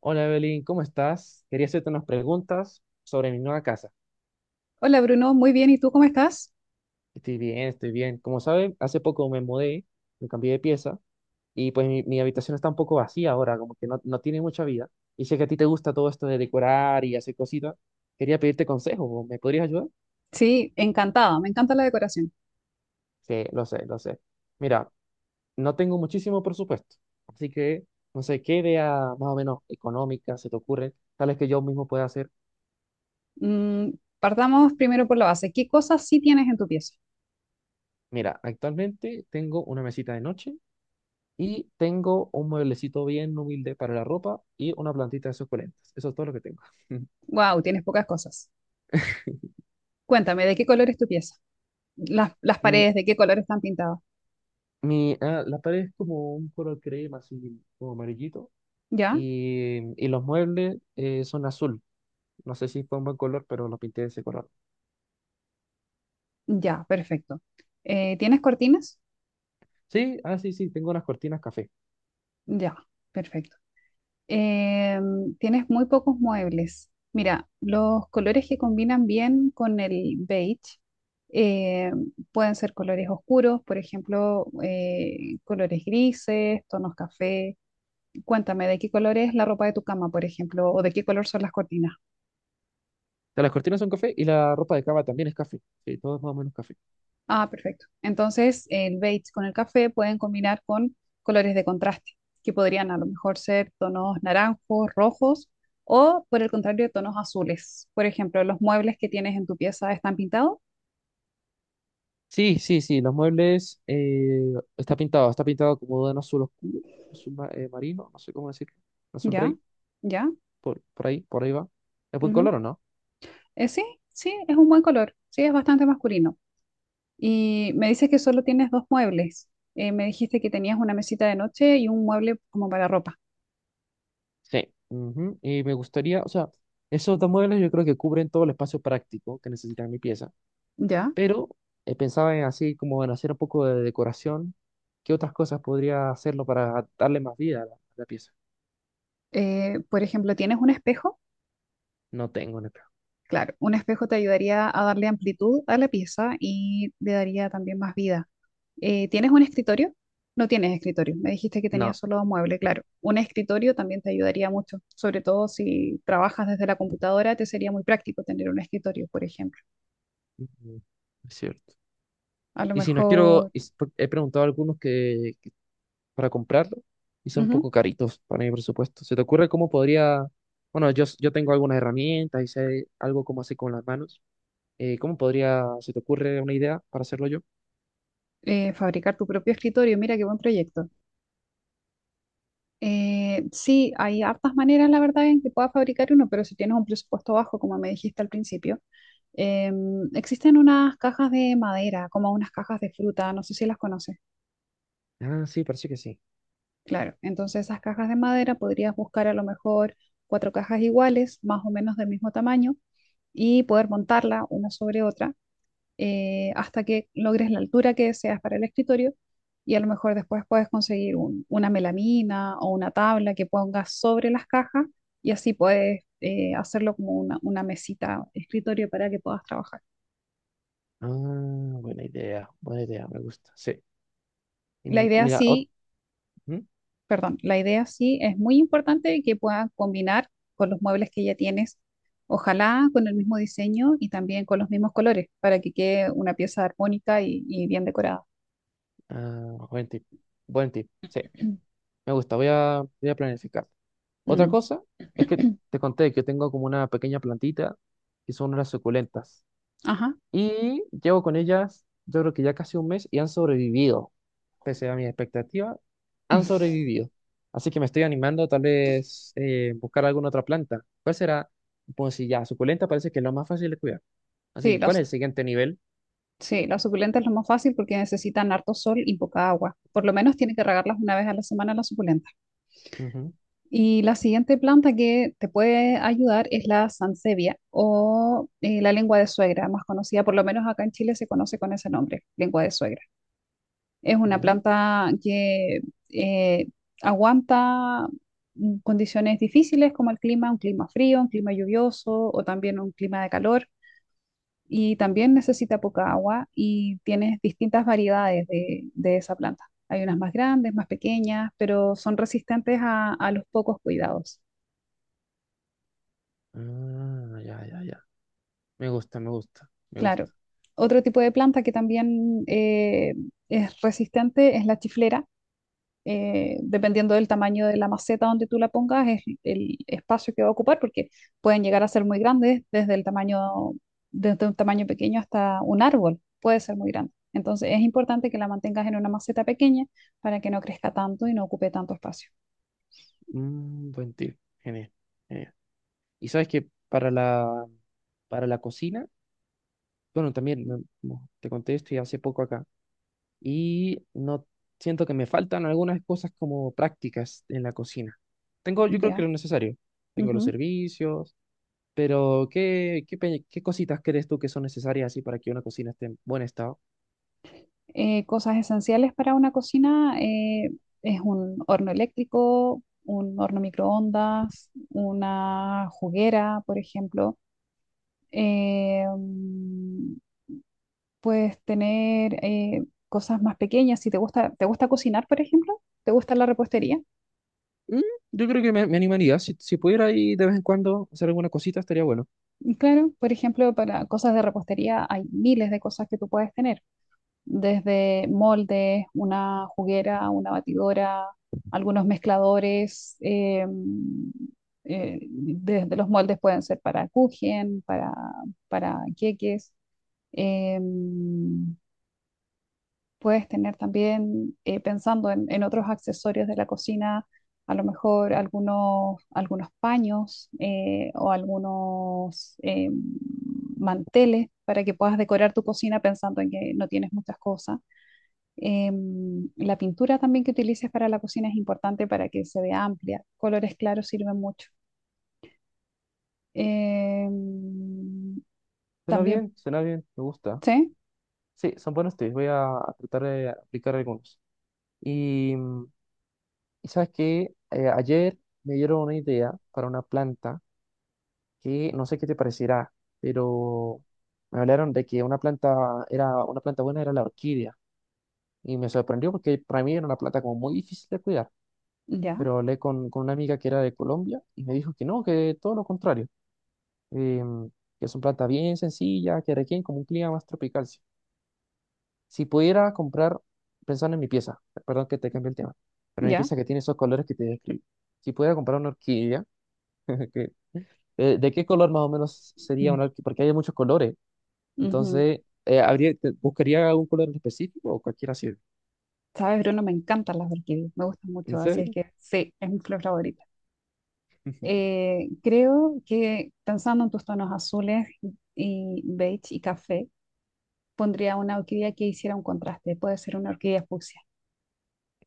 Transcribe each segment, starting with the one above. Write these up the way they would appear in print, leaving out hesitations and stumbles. Hola Evelyn, ¿cómo estás? Quería hacerte unas preguntas sobre mi nueva casa. Hola Bruno, muy bien. ¿Y tú cómo estás? Estoy bien, estoy bien. Como saben, hace poco me mudé, me cambié de pieza y pues mi habitación está un poco vacía ahora, como que no, no tiene mucha vida. Y sé que a ti te gusta todo esto de decorar y hacer cositas. Quería pedirte consejo, ¿me podrías ayudar? Sí, encantada, me encanta la decoración. Sí, lo sé, lo sé. Mira, no tengo muchísimo presupuesto, así que no sé qué idea más o menos económica se te ocurre, tal vez que yo mismo pueda hacer. Mm, partamos primero por la base. ¿Qué cosas sí tienes en tu pieza? Mira, actualmente tengo una mesita de noche y tengo un mueblecito bien humilde para la ropa y una plantita de suculentas. Eso es todo lo que tengo. Wow, tienes pocas cosas. Cuéntame, ¿de qué color es tu pieza? Las Mm, paredes, ¿de qué color están pintadas? La pared es como un color crema, así como amarillito. ¿Ya? Y los muebles son azul. No sé si fue un buen color, pero los pinté de ese color. Ya, perfecto. ¿Tienes cortinas? Sí, ah, sí, sí, tengo unas cortinas café. Ya, perfecto. Eh, tienes muy pocos muebles. Mira, los colores que combinan bien con el beige eh, pueden ser colores oscuros, por ejemplo, colores grises, tonos café. Cuéntame, ¿de qué color es la ropa de tu cama, por ejemplo, o de qué color son las cortinas? Ya, las cortinas son café y la ropa de cama también es café. Sí, todo es más o menos café. Ah, perfecto. Entonces, el beige con el café pueden combinar con colores de contraste, que podrían a lo mejor ser tonos naranjos, rojos o, por el contrario, tonos azules. Por ejemplo, los muebles que tienes en tu pieza están pintados. Sí, sí, sí, los muebles está pintado como de un azul oscuro, marino, no sé cómo decirlo, azul Ya, rey. ya. Por ahí, por ahí va. ¿Es buen Ujú. color o no? Sí, sí, es un buen color. Sí, es bastante masculino. Y me dices que solo tienes dos muebles. Me dijiste que tenías una mesita de noche y un mueble como para ropa. Sí. Ujú. Y me gustaría, o sea, esos dos modelos yo creo que cubren todo el espacio práctico que necesita mi pieza. Ya. Pero pensaba en así como en hacer un poco de decoración. ¿Qué otras cosas podría hacerlo para darle más vida a la pieza? Por ejemplo, ¿tienes un espejo? No tengo, neta. Claro, un espejo te ayudaría a darle amplitud a la pieza y le daría también más vida. ¿Tienes un escritorio? No tienes escritorio. Me dijiste que tenías No. solo dos muebles, claro. Un escritorio también te ayudaría mucho, sobre todo si trabajas desde la computadora, te sería muy práctico tener un escritorio, por ejemplo. Ujú. Es cierto. A lo Y si no quiero, mejor y s- por- He preguntado a algunos que, para comprarlo y son un ujú, poco caritos para mi presupuesto. ¿Se te ocurre cómo podría, bueno, yo tengo algunas herramientas y sé algo cómo hacer con las manos? ¿ Se te ocurre una idea para hacerlo yo? Fabricar tu propio escritorio, mira qué buen proyecto. Sí, hay hartas maneras, la verdad, en que puedas fabricar uno, pero si tienes un presupuesto bajo, como me dijiste al principio. Existen unas cajas de madera, como unas cajas de fruta, no sé si las conoces. Ah, sí, parece que sí. Claro, entonces esas cajas de madera podrías buscar a lo mejor cuatro cajas iguales, más o menos del mismo tamaño, y poder montarla una sobre otra hasta que logres la altura que deseas para el escritorio. Y a lo mejor después puedes conseguir una melamina o una tabla que pongas sobre las cajas y así puedes hacerlo como una mesita, escritorio para que puedas trabajar. Ah, buena idea, me gusta. Sí. Y La m- idea mira, ot- sí ¿Mm? perdón, la idea sí es muy importante que puedan combinar con los muebles que ya tienes, ojalá con el mismo diseño y también con los mismos colores, para que quede una pieza armónica y bien decorada. Ah, buen tip, buen tip. Sí, me gusta, voy a planificar. Otra Mm. cosa es que te conté que tengo como una pequeña plantita que son unas suculentas. Ajá. Y llevo con ellas, yo creo que ya casi un mes y han sobrevivido. Pese a mis expectativas, han sobrevivido. Así que me estoy animando tal vez buscar alguna otra planta. ¿Cuál será? Pues si ya, suculenta parece que es lo más fácil de cuidar. Así Sí, que, ¿cuál es el siguiente nivel? sí, las suculentas es lo más fácil porque necesitan harto sol y poca agua. Por lo menos tiene que regarlas una vez a la semana las suculentas. Ujú, Y la siguiente planta que te puede ayudar es la sansevia o la lengua de suegra, más conocida por lo menos acá en Chile se conoce con ese nombre, lengua de suegra. Es una ¿ya? planta que eh, aguanta mm, condiciones difíciles como el clima, un clima frío, un clima lluvioso o también un clima de calor. Y también necesita poca agua y tienes distintas variedades de esa planta. Hay unas más grandes, más pequeñas, pero son resistentes a los pocos cuidados. Ah, ya, ya, ya. Me gusta, me gusta, me Claro. gusta. Otro tipo de planta que también es resistente es la chiflera. Dependiendo del tamaño de la maceta donde tú la pongas, es el espacio que va a ocupar, porque pueden llegar a ser muy grandes, desde el tamaño, desde un tamaño pequeño hasta un árbol, puede ser muy grande. Entonces es importante que la mantengas en una maceta pequeña para que no crezca tanto y no ocupe tanto espacio. Mm, buen tip. Genial, genial. Y sabes que para la cocina, bueno, como te conté esto ya hace poco acá. Y no siento que me faltan algunas cosas como prácticas en la cocina. Tengo, yo creo que Ya. lo necesario. Tengo los servicios, pero ¿ qué cositas crees tú que son necesarias así para que una cocina esté en buen estado? Cosas esenciales para una cocina es un horno eléctrico, un horno microondas, una juguera, por ejemplo. Eh, mm, puedes tener cosas más pequeñas. Si te gusta, ¿te gusta cocinar, por ejemplo? ¿Te gusta la repostería? Mm, yo creo que me animaría. Si pudiera ir de vez en cuando hacer alguna cosita, estaría bueno. Claro, por ejemplo, para cosas de repostería hay miles de cosas que tú puedes tener. Desde moldes, una juguera, una batidora, algunos mezcladores. Desde los moldes pueden ser para kuchen, para queques. eh, puedes tener también, pensando en otros accesorios de la cocina, a lo mejor algunos paños o algunos manteles para que puedas decorar tu cocina pensando en que no tienes muchas cosas. La pintura también que utilices para la cocina es importante para que se vea amplia. Colores claros sirven mucho. Em, también, Suena bien, me gusta. sí, Sí, son buenos tips. Voy a tratar de aplicar algunos. Y, mm, y sabes que ayer me dieron una idea para una planta que no sé qué te parecerá, pero me hablaron de que una planta era una planta buena era la orquídea y me sorprendió porque para mí era una planta como muy difícil de cuidar, ya, pero hablé con una amiga que era de Colombia y me dijo que no, que todo lo contrario, em, que es una planta bien sencilla, que requiere como un clima más tropical. Si, si pudiera comprar, pensando en mi pieza, perdón que te cambie el tema, pero mi ya. pieza que tiene esos colores que te describí, si pudiera comprar una orquídea, que, ¿de qué color más o menos sería Mm, una orquídea? Porque hay muchos colores. ujú. Entonces, ¿buscaría algún color en específico o cualquiera sirve? Sabes, Bruno, me encantan las orquídeas, me gustan mucho, ¿En así es serio? que sí, es mi flor favorita. Creo que pensando en tus tonos azules y beige y café, pondría una orquídea que hiciera un contraste. Puede ser una orquídea fucsia.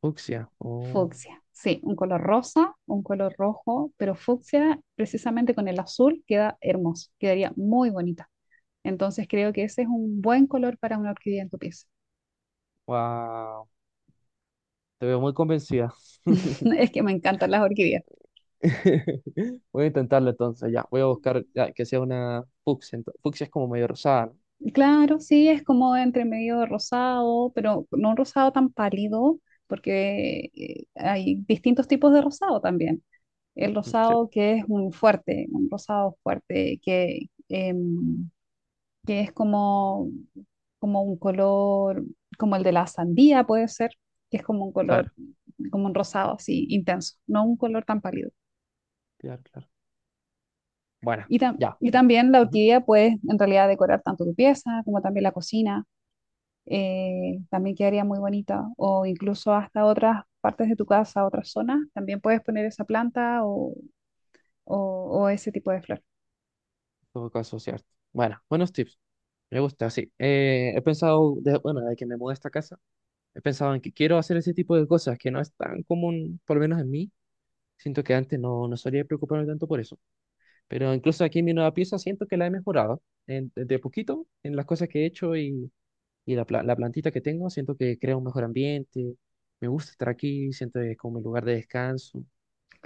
Fucsia. Oh, Fucsia, sí, un color rosa, un color rojo, pero fucsia precisamente con el azul queda hermoso, quedaría muy bonita. Entonces creo que ese es un buen color para una orquídea en tu pieza. wow. Te veo muy convencida. Es que me encantan las orquídeas. Voy a intentarlo entonces, ya. Voy a buscar ya, que sea una fucsia. Fucsia es como medio rosada, ¿no? Claro, sí, es como entre medio rosado, pero no un rosado tan pálido, porque hay distintos tipos de rosado también. El Mm, sí, rosado que es un fuerte, un rosado fuerte, que, em, que es como como un color, como el de la sandía puede ser, que es como un color, claro, como un rosado así intenso, no un color tan pálido. claro, claro. Bueno, ya. Y también la Ujú, en orquídea puedes en realidad decorar tanto tu pieza como también la cocina, también quedaría muy bonita, o incluso hasta otras partes de tu casa, otras zonas, también puedes poner esa planta o, o ese tipo de flor. todo caso, cierto. Bueno, buenos tips. Me gusta, sí. He pensado, de, bueno, de que me mudé a esta casa, he pensado en que quiero hacer ese tipo de cosas que no es tan común, por lo menos en mí. Siento que antes no, no solía preocuparme tanto por eso. Pero incluso aquí en mi nueva pieza siento que la he mejorado de poquito en las cosas que he hecho y la plantita que tengo. Siento que crea un mejor ambiente. Me gusta estar aquí, siento que es como mi lugar de descanso.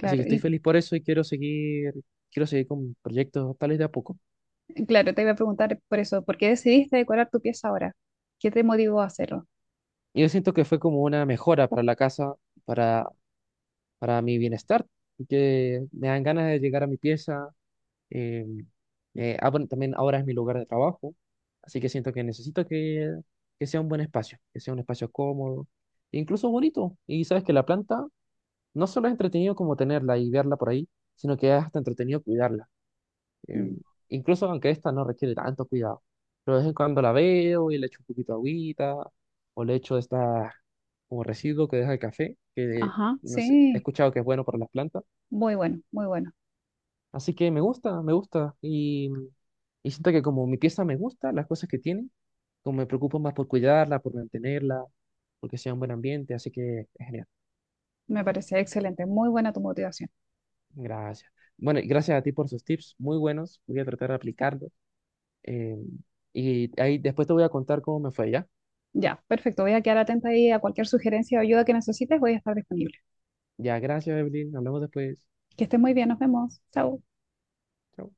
Así que estoy y feliz por eso y quiero seguir con proyectos tales de a poco. claro, te iba a preguntar por eso, ¿por qué decidiste decorar tu pieza ahora? ¿Qué te motivó a hacerlo? Y yo siento que fue como una mejora para la casa, para, para mi bienestar, que me dan ganas de llegar a mi pieza. Eh, bueno, también ahora es mi lugar de trabajo, así que siento que necesito que sea un buen espacio, que sea un espacio cómodo, e incluso bonito. Y sabes que la planta no solo es entretenido como tenerla y verla por ahí, sino que es hasta entretenido cuidarla. Em, Mm, Incluso aunque esta no requiere tanto cuidado. Pero de vez en cuando la veo y le echo un poquito de agüita, o le echo esta como residuo que deja el café, que ajá, no sé, he sí. escuchado que es bueno para las plantas. Muy bueno, muy bueno. Así que me gusta, me gusta. Y siento que como mi pieza me gusta, las cosas que tiene, como me preocupo más por cuidarla, por mantenerla, porque sea un buen ambiente, así que es genial. Me Sí, parece excelente. Muy buena tu motivación. gracias. Bueno, y gracias a ti por sus tips, muy buenos, voy a tratar de aplicarlos. eh, y ahí después te voy a contar cómo me fue, ¿ya? Ya, perfecto. Voy a quedar atenta ahí a cualquier sugerencia o ayuda que necesites. Voy a estar disponible. Ya, gracias, Evelyn, hablamos después. Que estés muy bien. Nos vemos. Chao. Chao.